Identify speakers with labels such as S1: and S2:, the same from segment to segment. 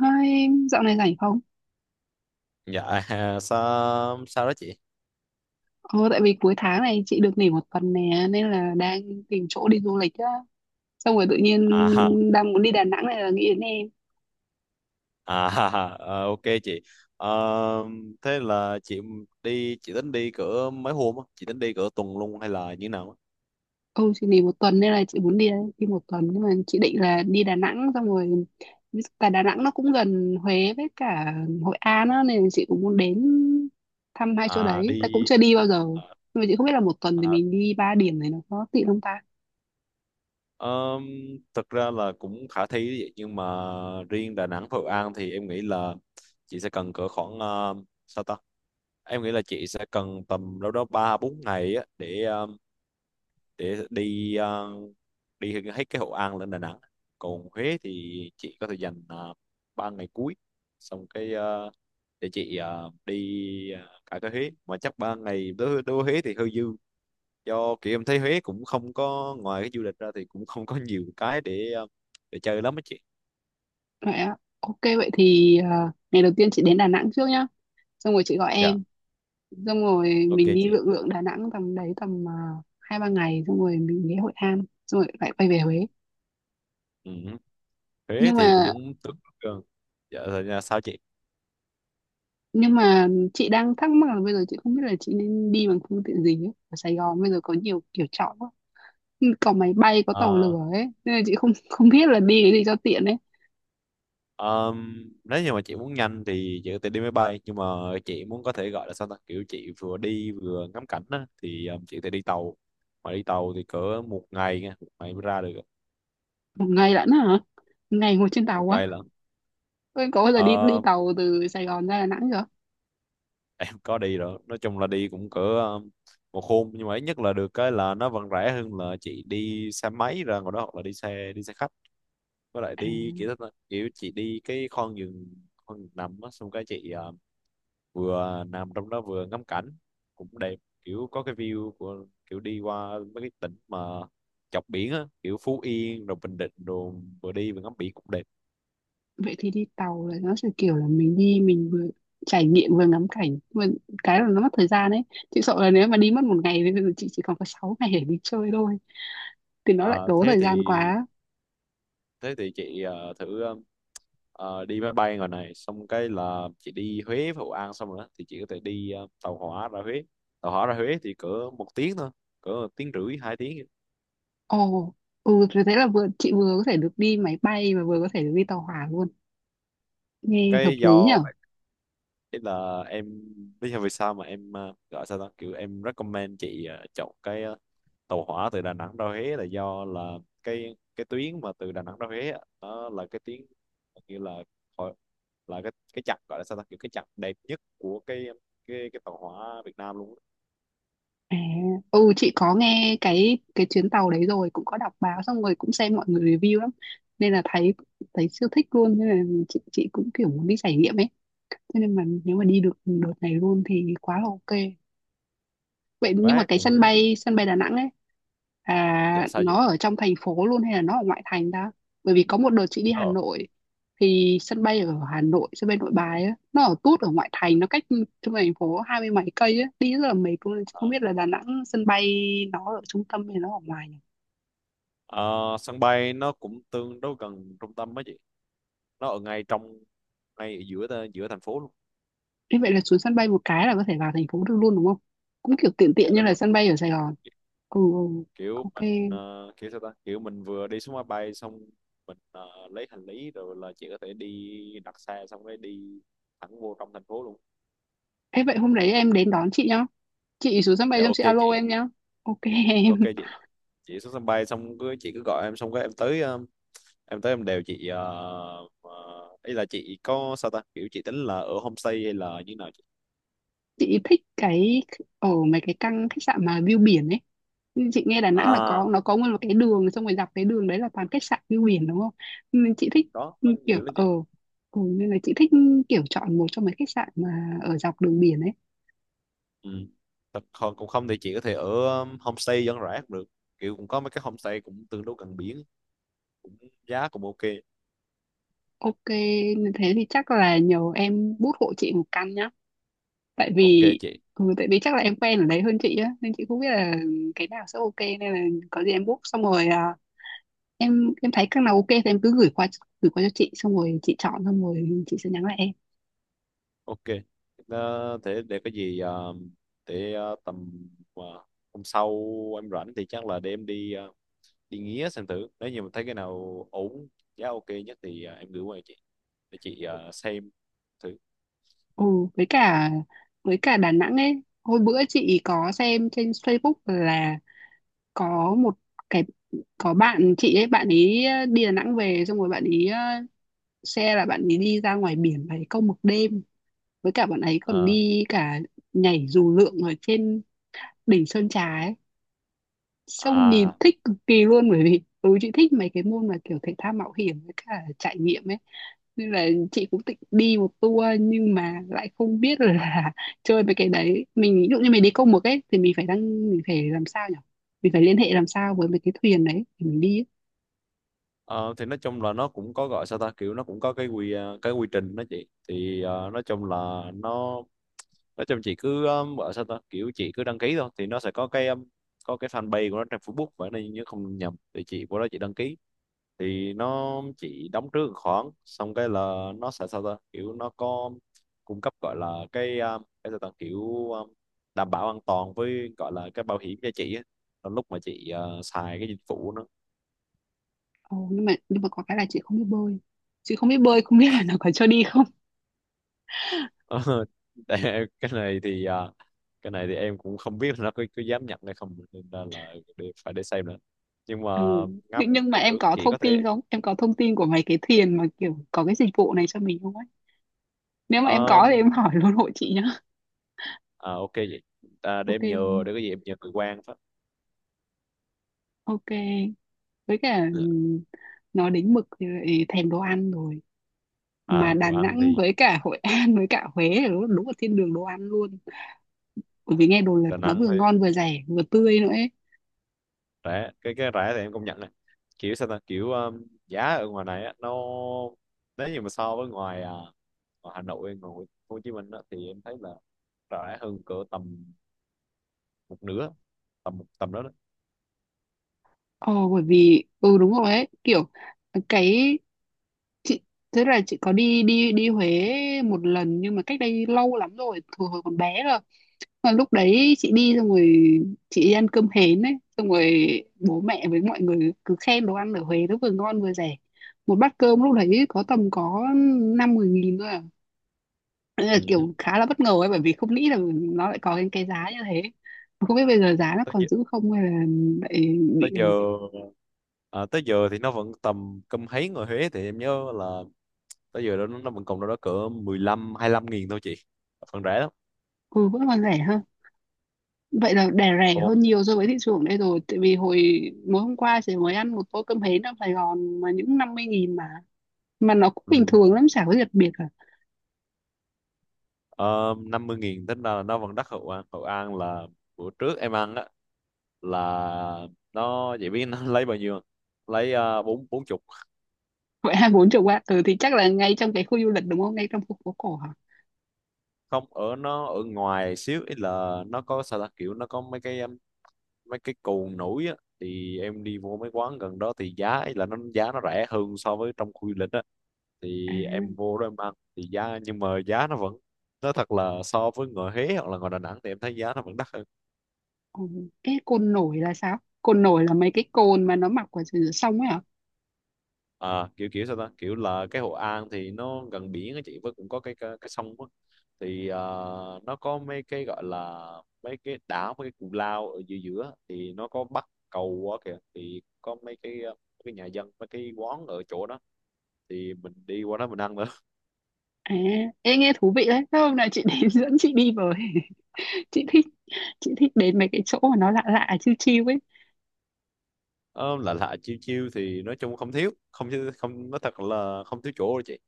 S1: Hai dạo này rảnh không?
S2: Dạ ha, sao sao đó chị?
S1: Ờ, tại vì cuối tháng này chị được nghỉ một tuần nè nên là đang tìm chỗ đi du lịch á. Xong rồi tự nhiên
S2: À ha,
S1: đang muốn đi Đà Nẵng này là nghĩ đến em.
S2: à ha, ha, ờ, ok chị. Ờ, thế là chị đi chị tính đi cỡ mấy hôm á? Chị tính đi cỡ tuần luôn hay là như thế nào? Á?
S1: Ừ, chị nghỉ một tuần nên là chị muốn đi đi một tuần nhưng mà chị định là đi Đà Nẵng xong rồi tại Đà Nẵng nó cũng gần Huế với cả Hội An á nên là chị cũng muốn đến thăm hai chỗ
S2: À
S1: đấy. Ta cũng
S2: đi
S1: chưa đi bao giờ.
S2: à,
S1: Nhưng mà chị không biết là một tuần thì
S2: à,
S1: mình đi ba điểm này nó có tiện không ta?
S2: ờm, thực ra là cũng khả thi đấy chị, nhưng mà riêng Đà Nẵng và Hội An thì em nghĩ là chị sẽ cần cỡ khoảng sao ta? Em nghĩ là chị sẽ cần tầm đâu đó 3 4 ngày á để đi đi hết cái Hội An lên Đà Nẵng còn Huế thì chị có thể dành uh, 3 ngày cuối xong cái ờ, để chị ờ, đi ờ, cả cái Huế mà chắc 3 ngày đối đối với Huế thì hơi dư do kiểu em thấy Huế cũng không có ngoài cái du lịch ra thì cũng không có nhiều cái để để chơi lắm á chị.
S1: Vậy á. Ok vậy thì ngày đầu tiên chị đến Đà Nẵng trước nhá. Xong rồi chị gọi
S2: Dạ
S1: em xong rồi
S2: ok
S1: mình đi
S2: chị.
S1: lượn lượn Đà Nẵng tầm đấy hai ba ngày xong rồi mình ghé Hội An xong rồi lại quay về Huế
S2: Ừ. Huế
S1: nhưng
S2: thì
S1: mà
S2: cũng tương đối gần. Dạ rồi nha, sao chị?
S1: nhưng mà chị đang thắc mắc là bây giờ chị không biết là chị nên đi bằng phương tiện gì ấy. Ở Sài Gòn bây giờ có nhiều kiểu chọn quá, có máy bay có tàu
S2: À,
S1: lửa ấy nên là chị không không biết là đi cái gì cho tiện ấy.
S2: Nếu như mà chị muốn nhanh thì chị có thể đi máy bay nhưng mà chị muốn có thể gọi là sao ta kiểu chị vừa đi vừa ngắm cảnh á thì chị có thể đi tàu mà đi tàu thì cỡ một ngày nha một ngày mới ra được
S1: Một ngày lận hả? Một ngày ngồi trên tàu
S2: một
S1: quá.
S2: ngày lận.
S1: Ôi, có bao giờ đi đi
S2: Ờ,
S1: tàu từ Sài Gòn ra Đà Nẵng chưa?
S2: em có đi rồi nói chung là đi cũng cỡ một hôm nhưng mà ít nhất là được cái là nó vẫn rẻ hơn là chị đi xe máy ra ngoài đó hoặc là đi xe khách với lại
S1: À,
S2: đi kiểu đó, kiểu chị đi cái con giường nằm á xong cái chị vừa nằm trong đó vừa ngắm cảnh cũng đẹp kiểu có cái view của kiểu đi qua mấy cái tỉnh mà chọc biển á kiểu Phú Yên rồi Bình Định rồi vừa đi vừa ngắm biển cũng đẹp.
S1: vậy thì đi tàu là nó sẽ kiểu là mình đi mình vừa trải nghiệm vừa ngắm cảnh mà cái là nó mất thời gian đấy. Chị sợ là nếu mà đi mất một ngày thì bây giờ chị chỉ còn có 6 ngày để đi chơi thôi thì nó lại
S2: À,
S1: tốn
S2: thế
S1: thời
S2: thì
S1: gian quá.
S2: thế thì chị ờ, thử ờ, ờ, đi máy bay ngoài này xong cái là chị đi Huế với Hội An xong rồi đó thì chị có thể đi tàu hỏa ra Huế. Tàu hỏa ra Huế thì cỡ một tiếng thôi cỡ một tiếng rưỡi hai tiếng.
S1: Ồ, ừ thế thế là vừa chị vừa có thể được đi máy bay và vừa có thể được đi tàu hỏa luôn, nghe hợp
S2: Cái
S1: lý
S2: do
S1: nhở.
S2: cái là em lý do vì sao mà em gọi sao đó kiểu em recommend chị chọn cái à, tàu hỏa từ Đà Nẵng ra Huế là do là cái tuyến mà từ Đà Nẵng ra Huế á, nó là cái tuyến như là hồi- là cái chặng gọi là sao ta kiểu cái chặng đẹp nhất của cái cái tàu hỏa Việt Nam luôn á.
S1: à, ừ chị có nghe cái chuyến tàu đấy rồi, cũng có đọc báo xong rồi cũng xem mọi người review lắm nên là thấy thấy siêu thích luôn nên là chị cũng kiểu muốn đi trải nghiệm ấy. Thế nên mà nếu mà đi được đợt này luôn thì quá là ok. Vậy nhưng mà
S2: Vé
S1: cái sân
S2: cũng
S1: bay sân bay Đà Nẵng ấy,
S2: dạ sao vậy
S1: nó ở trong thành phố luôn hay là nó ở ngoại thành ta? Bởi vì có một đợt chị đi Hà
S2: nó
S1: Nội thì sân bay ở Hà Nội, sân bay Nội Bài ấy, nó ở tút ở ngoại thành, nó cách trung thành phố 20 mấy cây ấy, đi rất là mệt luôn. Chị không
S2: ở-
S1: biết là Đà Nẵng sân bay nó ở trung tâm hay nó ở ngoài nhỉ?
S2: ờ, sân bay nó cũng tương đối gần trung tâm á chị. Nó ở ngay trong ngay ở giữa giữa thành phố luôn.
S1: Thế vậy là xuống sân bay một cái là có thể vào thành phố được luôn đúng không? Cũng kiểu tiện
S2: Dạ
S1: tiện như
S2: đúng
S1: là
S2: rồi
S1: sân bay ở Sài Gòn. Ừ, ừ,
S2: kiểu
S1: ok.
S2: mình kiểu sao ta kiểu mình vừa đi xuống máy bay xong mình lấy hành lý rồi là chị có thể đi đặt xe xong cái đi thẳng vô trong thành phố luôn.
S1: Thế vậy hôm đấy em đến đón chị nhá. Chị xuống sân bay
S2: Dạ
S1: xong
S2: ok
S1: chị alo
S2: chị.
S1: em nhá. Ok em.
S2: Ok chị xuống sân bay xong cứ chị cứ gọi em xong cái em tới em tới em đều chị ờ, ờ, ý là chị có sao ta kiểu chị tính là ở homestay hay là như nào chị?
S1: Chị thích cái ở mấy cái căn khách sạn mà view biển ấy. Nhưng chị nghe Đà Nẵng là có,
S2: À
S1: nó có nguyên một cái đường xong rồi dọc cái đường đấy là toàn khách sạn view biển đúng không, nên chị thích
S2: đó có
S1: kiểu
S2: nhiều lắm
S1: ở,
S2: chị.
S1: ừ, nên là chị thích kiểu chọn một trong mấy khách sạn mà ở dọc đường biển ấy.
S2: Ừ. Thật- còn cũng không thì chị có thể ở homestay dân rã cũng được kiểu cũng có mấy cái homestay cũng tương đối gần biển cũng giá cũng ok.
S1: Ok, nên thế thì chắc là nhờ em bút hộ chị một căn nhá, tại
S2: Ok
S1: vì
S2: chị.
S1: ừ, tại vì chắc là em quen ở đấy hơn chị á nên chị không biết là cái nào sẽ ok nên là có gì em book xong rồi em thấy các nào ok thì em cứ gửi qua cho chị xong rồi chị chọn xong rồi chị sẽ nhắn lại em.
S2: Ok. Ờ, thế để có gì ờ, để ờ, tầm ờ, hôm sau em rảnh thì chắc là để em đi đi nghía xem thử nếu như mà thấy cái nào ổn giá ok nhất thì em gửi qua cho chị để chị xem thử.
S1: Ừ, với cả với cả Đà Nẵng ấy, hồi bữa chị có xem trên Facebook là có một cái, có bạn chị ấy, bạn ấy đi Đà Nẵng về xong rồi bạn ấy xe là bạn ấy đi ra ngoài biển và câu mực đêm, với cả bạn ấy còn
S2: Ờ,
S1: đi cả nhảy dù lượn ở trên đỉnh Sơn Trà ấy. Xong nhìn
S2: à
S1: thích cực kỳ luôn bởi vì ừ chị thích mấy cái môn mà kiểu thể thao mạo hiểm với cả trải nghiệm ấy, nên là chị cũng định đi một tour nhưng mà lại không biết là chơi mấy cái đấy, mình ví dụ như mình đi câu mực ấy thì mình phải làm sao nhỉ, mình phải liên hệ làm sao với mấy cái thuyền đấy thì mình đi ấy.
S2: ờ, thì nói chung là nó cũng có gọi sao ta kiểu nó cũng có cái quy cái quy trình đó chị thì nói chung là nó nói chung chị cứ ở sao ta kiểu chị cứ đăng ký thôi thì nó sẽ có cái fanpage của nó trên Facebook vậy nên nhớ không nhầm thì chị của đó chị đăng ký thì nó chị đóng trước một khoản xong cái là nó sẽ sao ta kiểu nó có cung cấp gọi là cái sao ta kiểu um, đảm bảo an toàn với gọi là cái bảo hiểm cho chị á. Trong lúc mà chị xài cái dịch vụ.
S1: Ồ, nhưng mà có cái là chị không biết bơi, chị không biết bơi không biết là nó có cho đi không.
S2: Ờ, cái này thì à, cái này thì em cũng không biết là nó có dám nhận hay không nên là để, phải để xem nữa nhưng mà
S1: Ừ.
S2: ngắm
S1: nhưng mà
S2: thì
S1: em
S2: được
S1: có
S2: chỉ
S1: thông
S2: có thế.
S1: tin không, em có thông tin của mấy cái thuyền mà kiểu có cái dịch vụ này cho mình không ấy, nếu mà em có thì em
S2: um,
S1: hỏi luôn hộ chị.
S2: à, ok vậy à, để
S1: Ok,
S2: em nhờ để cái gì em nhờ người quan phát.
S1: ok. Với cả nói đến mực thì lại thèm đồ ăn rồi, mà
S2: À
S1: Đà
S2: đồ ăn
S1: Nẵng
S2: thì
S1: với cả Hội An với cả Huế là đúng, đúng là thiên đường đồ ăn luôn, bởi vì nghe đồn là
S2: Đà
S1: nó
S2: Nẵng
S1: vừa
S2: thì
S1: ngon vừa rẻ vừa tươi nữa ấy.
S2: rẻ cái rẻ thì em công nhận này kiểu sao ta kiểu giá ở ngoài này á, nó nếu như mà so với ngoài à, ngoài Hà Nội ngoài Hồ Chí Minh á, thì em thấy là rẻ hơn cỡ tầm một nửa tầm tầm đó đó.
S1: Ồ, bởi vì ừ đúng rồi ấy, kiểu cái chị tức là chị có đi đi đi Huế một lần nhưng mà cách đây lâu lắm rồi, hồi hồi còn bé cơ. Mà lúc đấy chị đi xong rồi chị đi ăn cơm hến ấy, xong rồi bố mẹ với mọi người cứ khen đồ ăn ở Huế nó vừa ngon vừa rẻ, một bát cơm lúc đấy có tầm năm mười nghìn thôi à. Đấy là
S2: Ừ.
S1: kiểu khá là bất ngờ ấy bởi vì không nghĩ là nó lại có cái giá như thế. Không biết bây giờ giá nó
S2: Tới
S1: còn giữ không hay là lại bị,
S2: tới giờ à, tới giờ thì nó vẫn tầm cơm hấy người Huế thì em nhớ là tới giờ đó nó vẫn còn đâu đó cỡ 15 lăm nghìn thôi chị phần rẻ lắm
S1: ừ, vẫn còn rẻ hơn. Vậy là đẻ rẻ
S2: cô.
S1: hơn nhiều so với thị trường đây rồi, tại vì hồi mới hôm qua chị mới ăn một tô cơm hến ở Sài Gòn mà những 50.000 mà nó cũng bình
S2: Ừ.
S1: thường lắm chả có gì đặc biệt.
S2: 50 nghìn tính ra là nó vẫn đắt. Hậu An Hậu An là bữa trước em ăn á là nó vậy biết nó lấy bao nhiêu không? Lấy bốn bốn chục.
S1: Vậy hai bốn chục á, ừ thì chắc là ngay trong cái khu du lịch đúng không, ngay trong khu phố cổ hả?
S2: Không ở nó ở ngoài xíu ý là nó có sao ta kiểu nó có mấy cái cồn nổi á thì em đi vô mấy quán gần đó thì giá ấy là nó giá nó rẻ hơn so với trong khu du lịch á
S1: À,
S2: thì em vô đó em ăn thì giá nhưng mà giá nó vẫn nói thật là so với ngoài Huế hoặc là ngoài Đà Nẵng thì em thấy giá nó vẫn đắt hơn.
S1: ừ. Cái côn nổi là sao, côn nổi là mấy cái cồn mà nó mọc ở dưới sông ấy hả?
S2: À kiểu kiểu sao ta kiểu là cái Hội An thì nó gần biển á chị với cũng có cái sông á thì à, nó có mấy cái gọi là mấy cái đảo mấy cái cù lao ở giữa giữa thì nó có bắc cầu quá kìa thì có mấy cái cái nhà dân mấy cái quán ở chỗ đó thì mình đi qua đó mình ăn.
S1: À, ê, nghe thú vị đấy. Thế hôm nào chị đến dẫn chị đi với. chị thích chị thích đến mấy cái chỗ mà nó lạ lạ chiêu chiêu ấy.
S2: Ờ, lạ lạ chiêu chiêu thì nói chung không thiếu không nói thật là không thiếu chỗ đâu chị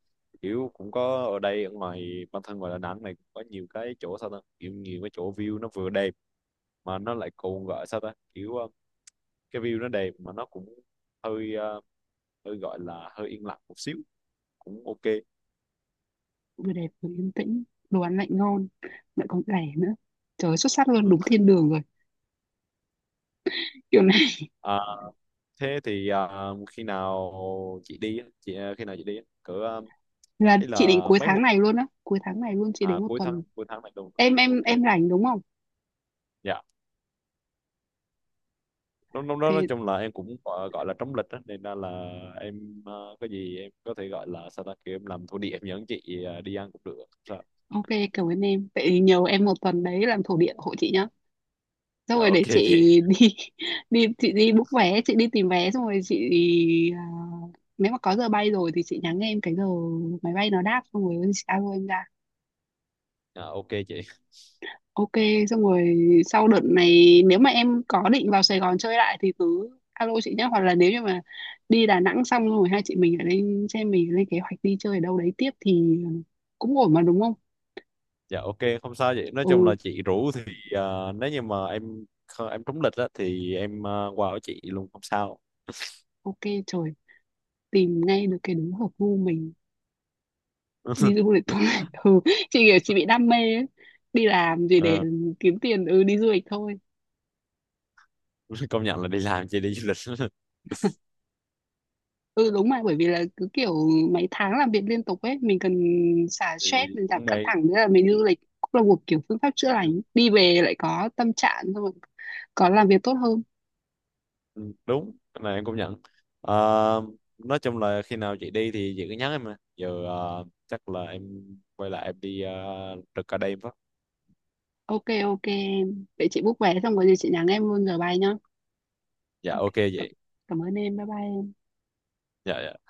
S2: kiểu cũng có ở đây ở ngoài bản thân ngoài Đà Nẵng này cũng có nhiều cái chỗ sao ta kiểu nhiều cái chỗ view nó vừa đẹp mà nó lại còn gọi sao ta kiểu cái view nó đẹp mà nó cũng hơi hơi gọi là hơi yên lặng một xíu cũng ok.
S1: Vừa đẹp vừa yên tĩnh, đồ ăn lại ngon, lại còn rẻ nữa, trời ơi, xuất sắc luôn,
S2: Ừ.
S1: đúng thiên đường rồi kiểu này.
S2: À, thế thì ờ, khi nào chị đi á? Chị ờ, khi nào chị đi á? Cỡ ờ,
S1: Là
S2: ý
S1: chị định
S2: là
S1: cuối
S2: mấy
S1: tháng
S2: hôm
S1: này luôn á, cuối tháng này luôn chị đến
S2: à
S1: một tuần.
S2: cuối tháng này luôn
S1: em em
S2: ok.
S1: em rảnh đúng không?
S2: Dạ lúc lúc đó nói
S1: Thế.
S2: chung là em cũng gọi là trống lịch á nên ra là em có gì em có thể gọi là sao ta kêu em làm thổ địa em dẫn chị đi ăn cũng được không sao.
S1: Ok, cảm ơn em. Vậy thì nhờ em một tuần đấy làm thổ địa hộ chị nhá. Xong
S2: Dạ,
S1: rồi
S2: ok
S1: để chị
S2: chị.
S1: đi đi chị đi book vé, chị đi tìm vé xong rồi chị à, nếu mà có giờ bay rồi thì chị nhắn em cái giờ máy bay nó đáp xong rồi chị alo em ra.
S2: Dạ, ok chị.
S1: Ok, xong rồi sau đợt này nếu mà em có định vào Sài Gòn chơi lại thì cứ alo chị nhé, hoặc là nếu như mà đi Đà Nẵng xong rồi hai chị mình lại lên xem, mình lên kế hoạch đi chơi ở đâu đấy tiếp thì cũng ổn mà đúng không?
S2: Dạ ok không sao vậy nói chung
S1: Ừ,
S2: là chị rủ thì nếu như mà em em trúng lịch á thì em qua ở chị luôn không sao.
S1: ok. Trời, tìm ngay được cái đúng hợp gu mình đi du lịch thôi. Ừ, chị kiểu chị bị đam mê ấy. Đi làm gì để
S2: Ờ,
S1: kiếm tiền, ừ đi du lịch thôi.
S2: công nhận là đi làm chị đi du lịch
S1: Ừ đúng mà, bởi vì là cứ kiểu mấy tháng làm việc liên tục ấy mình cần xả
S2: thì
S1: stress, mình giảm
S2: cũng
S1: căng
S2: may.
S1: thẳng nữa, là mình đi du lịch cũng là một kiểu phương pháp chữa lành, đi về lại có tâm trạng xong rồi có làm việc tốt hơn.
S2: Ừ, đúng cái này em cũng nhận. Ờ, nói chung là khi nào chị đi thì chị cứ nhắn em mà giờ ờ, chắc là em quay lại em đi trực ở đây em phát.
S1: Ok, ok em. Vậy chị book vé xong rồi gì chị nhắn em luôn giờ bay nhá.
S2: Dạ
S1: Ok,
S2: ok
S1: cảm
S2: vậy.
S1: cảm ơn em, bye bye em.
S2: Dạ dạ.